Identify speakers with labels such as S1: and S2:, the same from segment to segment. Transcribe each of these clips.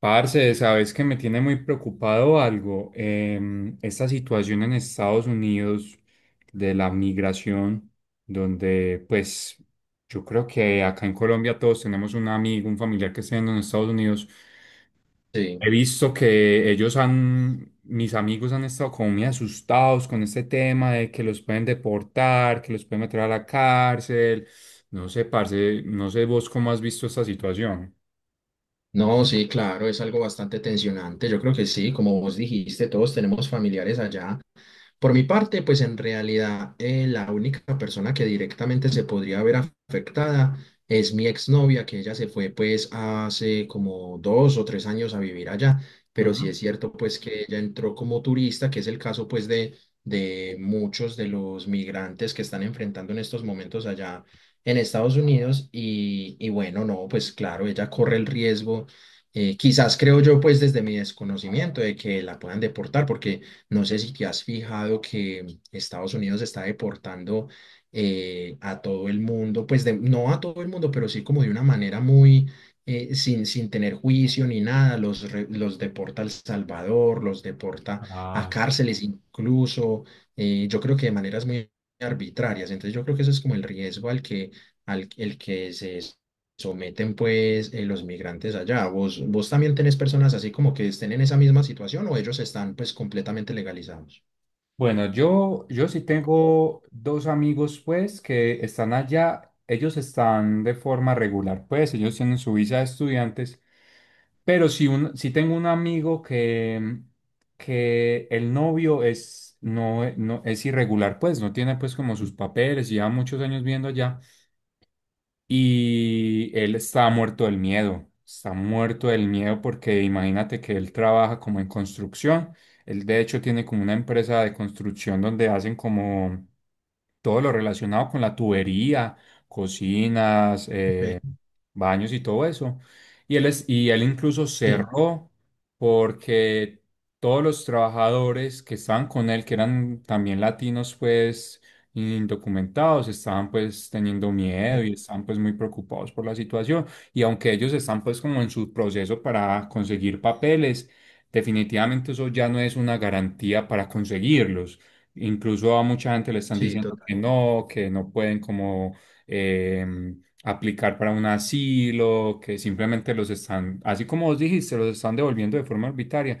S1: Parce, sabes que me tiene muy preocupado algo. Esta situación en Estados Unidos de la migración, donde pues yo creo que acá en Colombia todos tenemos un amigo, un familiar que esté en los Estados Unidos.
S2: Sí,
S1: He visto que mis amigos han estado como muy asustados con este tema de que los pueden deportar, que los pueden meter a la cárcel. No sé, parce, no sé vos cómo has visto esta situación.
S2: no, sí, claro, es algo bastante tensionante. Yo creo que sí, como vos dijiste, todos tenemos familiares allá. Por mi parte, pues en realidad la única persona que directamente se podría ver afectada es mi exnovia, que ella se fue pues hace como 2 o 3 años a vivir allá, pero sí es cierto pues que ella entró como turista, que es el caso pues de muchos de los migrantes que están enfrentando en estos momentos allá en Estados Unidos y bueno, no, pues claro, ella corre el riesgo. Quizás creo yo, pues desde mi desconocimiento, de que la puedan deportar, porque no sé si te has fijado que Estados Unidos está deportando a todo el mundo, pues no a todo el mundo, pero sí como de una manera muy, sin tener juicio ni nada, los deporta a El Salvador, los deporta a cárceles incluso, yo creo que de maneras muy arbitrarias. Entonces yo creo que eso es como el riesgo al el que se someten pues los migrantes allá. ¿Vos también tenés personas así como que estén en esa misma situación o ellos están pues completamente legalizados?
S1: Bueno, yo sí tengo dos amigos, pues, que están allá. Ellos están de forma regular, pues, ellos tienen su visa de estudiantes. Pero sí, sí tengo un amigo que el novio es, no, no, es irregular, pues, no tiene, pues, como sus papeles, y lleva muchos años viendo allá. Y él está muerto del miedo, está muerto del miedo porque imagínate que él trabaja como en construcción. Él de hecho tiene como una empresa de construcción donde hacen como todo lo relacionado con la tubería, cocinas,
S2: Ok.
S1: baños y todo eso. Y él incluso
S2: Sí,
S1: cerró porque todos los trabajadores que estaban con él, que eran también latinos, pues indocumentados, estaban pues teniendo miedo
S2: sí,
S1: y estaban pues muy preocupados por la situación. Y aunque ellos están pues como en su proceso para conseguir papeles, definitivamente eso ya no es una garantía para conseguirlos. Incluso a mucha gente le están
S2: sí,
S1: diciendo
S2: total.
S1: que no pueden como eh, aplicar para un asilo, que simplemente los están, así como vos dijiste, los están devolviendo de forma arbitraria.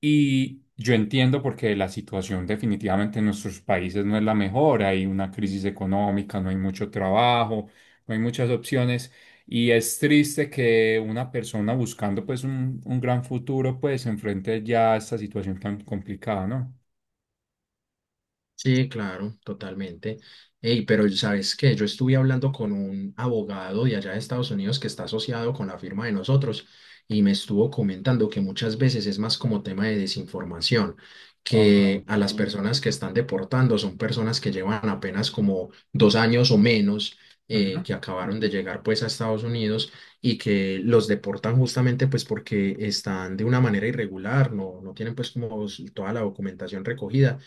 S1: Y yo entiendo porque la situación definitivamente en nuestros países no es la mejor, hay una crisis económica, no hay mucho trabajo, no hay muchas opciones. Y es triste que una persona buscando pues un gran futuro pues se enfrente ya a esta situación tan complicada, ¿no?
S2: Sí, claro, totalmente. Ey, pero ¿sabes qué? Yo estuve hablando con un abogado de allá de Estados Unidos que está asociado con la firma de nosotros y me estuvo comentando que muchas veces es más como tema de desinformación,
S1: Ok.
S2: que a las personas que están deportando son personas que llevan apenas como 2 años o menos,
S1: Ujú.
S2: que acabaron de llegar pues a Estados Unidos y que los deportan justamente pues porque están de una manera irregular, no tienen pues como toda la documentación recogida,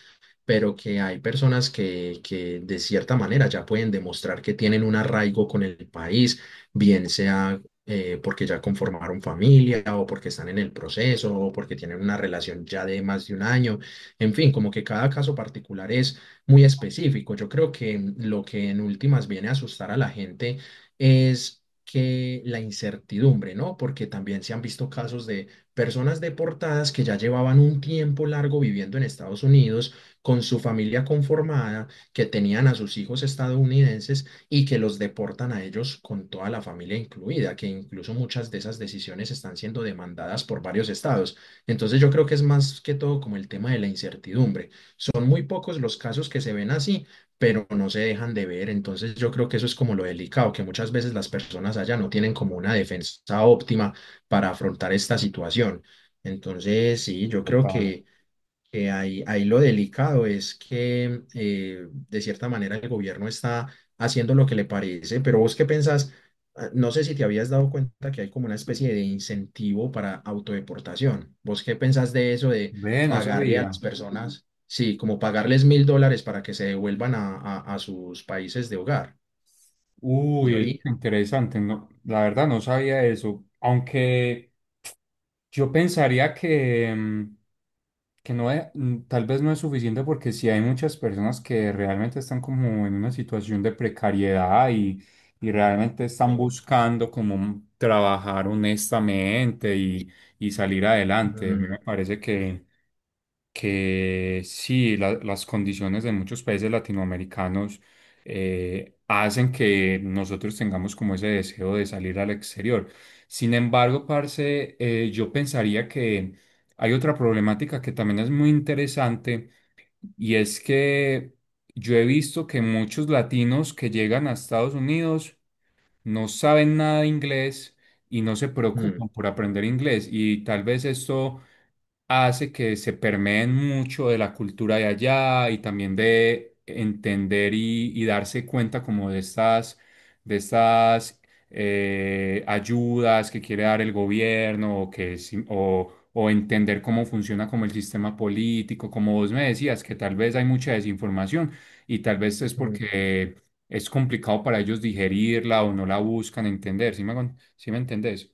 S2: pero que hay personas que de cierta manera ya pueden demostrar que tienen un arraigo con el país, bien sea porque ya conformaron familia o porque están en el proceso o porque tienen una relación ya de más de 1 año. En fin, como que cada caso particular es muy específico. Yo creo que lo que en últimas viene a asustar a la gente es que la incertidumbre, ¿no? Porque también se han visto casos de personas deportadas que ya llevaban un tiempo largo viviendo en Estados Unidos con su familia conformada, que tenían a sus hijos estadounidenses y que los deportan a ellos con toda la familia incluida, que incluso muchas de esas decisiones están siendo demandadas por varios estados. Entonces yo creo que es más que todo como el tema de la incertidumbre. Son muy pocos los casos que se ven así, pero no se dejan de ver. Entonces yo creo que eso es como lo delicado, que muchas veces las personas allá no tienen como una defensa óptima para afrontar esta situación. Entonces, sí, yo creo
S1: Total.
S2: que ahí lo delicado es que de cierta manera el gobierno está haciendo lo que le parece, pero vos qué pensás. Ah, no sé si te habías dado cuenta que hay como una especie de incentivo para autodeportación. ¿Vos qué pensás de eso de
S1: Ve, no
S2: pagarle a las
S1: sabía.
S2: personas, sí, como pagarles $1000 para que se devuelvan a sus países de hogar, de
S1: Uy, es
S2: origen?
S1: interesante. No, la verdad no sabía eso. Aunque yo pensaría que, mm, que no es- mm, tal vez no es suficiente porque sí hay muchas personas que realmente están como en una situación de precariedad y realmente están
S2: Sí.
S1: buscando como trabajar honestamente y salir adelante. A mí
S2: Mm,
S1: me parece que sí, las condiciones de muchos países latinoamericanos hacen que nosotros tengamos como ese deseo de salir al exterior. Sin embargo, parce, yo pensaría que hay otra problemática que también es muy interesante y es que yo he visto que muchos latinos que llegan a Estados Unidos no saben nada de inglés y no se
S2: mm,
S1: preocupan por aprender inglés, y tal vez esto hace que se permeen mucho de la cultura de allá y también de entender y darse cuenta como de estas ayudas que quiere dar el gobierno o, que, si- o entender cómo funciona como el sistema político, como vos me decías, que tal vez hay mucha desinformación y tal vez es
S2: mm.
S1: porque es complicado para ellos digerirla o no la buscan entender, sí me entendés?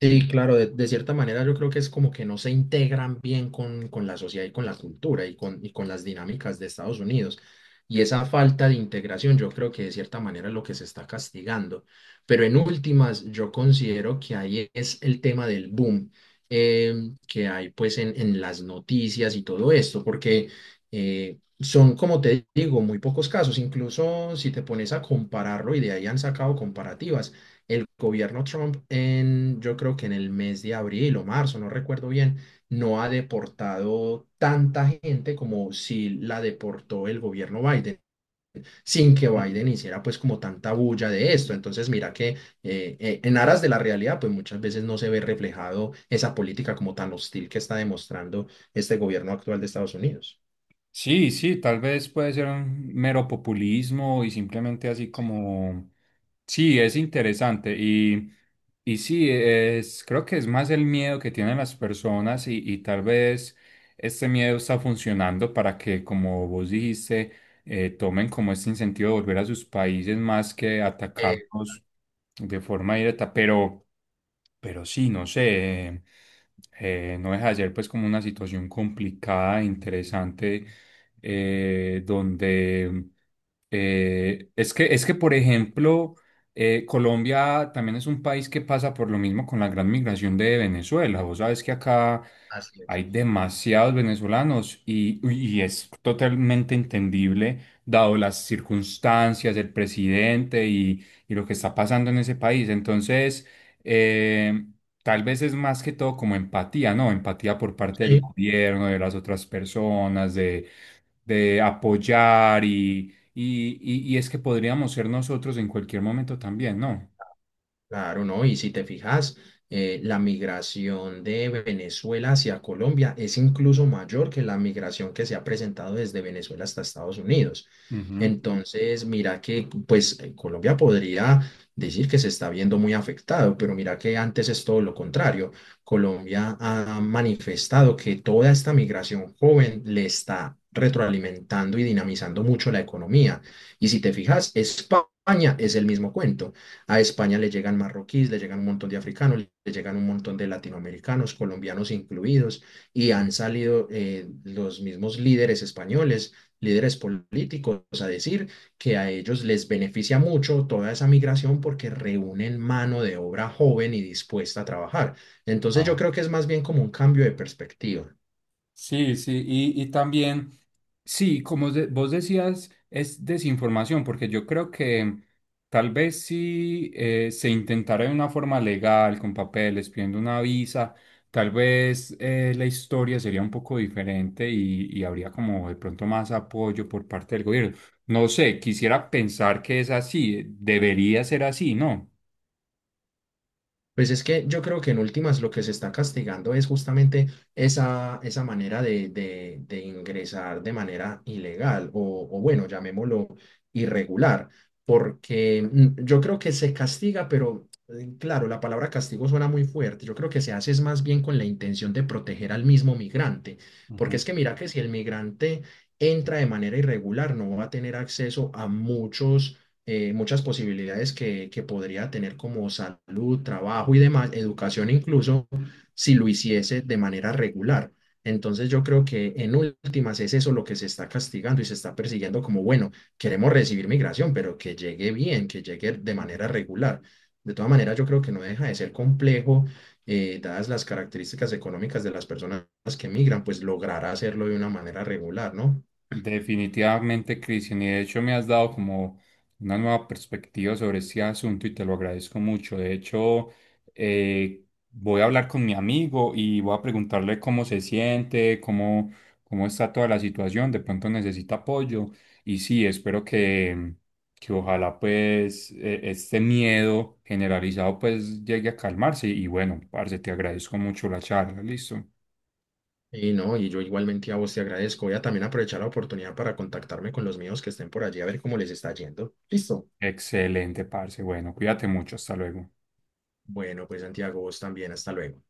S2: Sí, claro, de cierta manera yo creo que es como que no se integran bien con la sociedad y con la cultura y con las dinámicas de Estados Unidos. Y esa falta de integración yo creo que de cierta manera es lo que se está castigando. Pero en últimas, yo considero que ahí es el tema del boom, eh, que hay pues en las noticias y todo esto, porque como te digo, muy pocos casos. Incluso si te pones a compararlo, y de ahí han sacado comparativas, el gobierno Trump en, yo creo que en el mes de abril o marzo, no recuerdo bien, no ha deportado tanta gente como si la deportó el gobierno Biden, sin que Biden hiciera pues como tanta bulla de esto. Entonces mira que en aras de la realidad pues muchas veces no se ve reflejado esa política como tan hostil que está demostrando este gobierno actual de Estados Unidos.
S1: Sí, sí, tal vez puede ser un mero populismo y simplemente así como, sí, es interesante y sí, es, creo que es más el miedo que tienen las personas y tal vez este miedo está funcionando para que, como vos dijiste, tomen como este incentivo de volver a sus países más que
S2: Eh,
S1: atacarnos de forma directa, pero... Pero sí, no sé, no deja de ser pues como una situación complicada, interesante, donde es que, por ejemplo, Colombia también es un país que pasa por lo mismo con la gran migración de Venezuela. Vos sabes que acá
S2: así es.
S1: hay demasiados venezolanos y es totalmente entendible, dado las circunstancias, el presidente y lo que está pasando en ese país. Entonces... Eh, Tal vez es más que todo como empatía, ¿no? Empatía por parte del
S2: Sí.
S1: gobierno, de las otras personas, de apoyar y es que podríamos ser nosotros en cualquier momento también, ¿no?
S2: Claro, ¿no? Y si te fijas, la migración de Venezuela hacia Colombia es incluso mayor que la migración que se ha presentado desde Venezuela hasta Estados Unidos.
S1: Ujú.
S2: Entonces, mira que pues Colombia podría decir que se está viendo muy afectado, pero mira que antes es todo lo contrario. Colombia ha manifestado que toda esta migración joven le está retroalimentando y dinamizando mucho la economía. Y si te fijas, España es el mismo cuento. A España le llegan marroquíes, le llegan un montón de africanos, le llegan un montón de latinoamericanos, colombianos incluidos, y
S1: Ujú.
S2: han salido los mismos líderes españoles, líderes políticos, a decir que a ellos les beneficia mucho toda esa migración porque reúnen mano de obra joven y dispuesta a trabajar. Entonces yo
S1: Ah,
S2: creo que es más bien como un cambio de perspectiva.
S1: sí, sí, y también sí, como vos decías, es desinformación, porque yo creo que tal vez si se intentara de una forma legal, con papeles, pidiendo una visa, tal vez la historia sería un poco diferente y habría como de pronto más apoyo por parte del gobierno. No sé, quisiera pensar que es así, debería ser así, ¿no?
S2: Pues es que yo creo que en últimas lo que se está castigando es justamente esa manera de ingresar de manera ilegal o bueno, llamémoslo irregular, porque mm, yo creo que se castiga, pero claro, la palabra castigo suena muy fuerte. Yo creo que se hace es más bien con la intención de proteger al mismo migrante, porque
S1: Ujú,
S2: es que mira que si el migrante entra de manera irregular, no va a tener acceso a muchos muchas posibilidades que podría tener como salud, trabajo y demás, educación incluso, si lo hiciese de manera regular. Entonces yo creo que en últimas es eso lo que se está castigando y se está persiguiendo como, bueno, queremos recibir migración, pero que llegue bien, que llegue de manera
S1: ujú.
S2: regular. De todas maneras, yo creo que no deja de ser complejo, dadas las características económicas de las personas que migran, pues lograr hacerlo de una manera regular, ¿no?
S1: Definitivamente, Cristian, y de hecho me has dado como una nueva perspectiva sobre este asunto y te lo agradezco mucho. De hecho, eh, voy a hablar con mi amigo y voy a preguntarle cómo se siente, cómo, cómo está toda la situación, de pronto necesita apoyo y sí, espero que ojalá pues este miedo generalizado pues llegue a calmarse y bueno, parce, te agradezco mucho la charla, listo.
S2: Y no, y yo igualmente a vos te agradezco. Voy a también aprovechar la oportunidad para contactarme con los míos que estén por allí a ver cómo les está yendo. Listo.
S1: Excelente, parce, bueno, cuídate mucho, hasta luego.
S2: Bueno, pues Santiago, vos también. Hasta luego.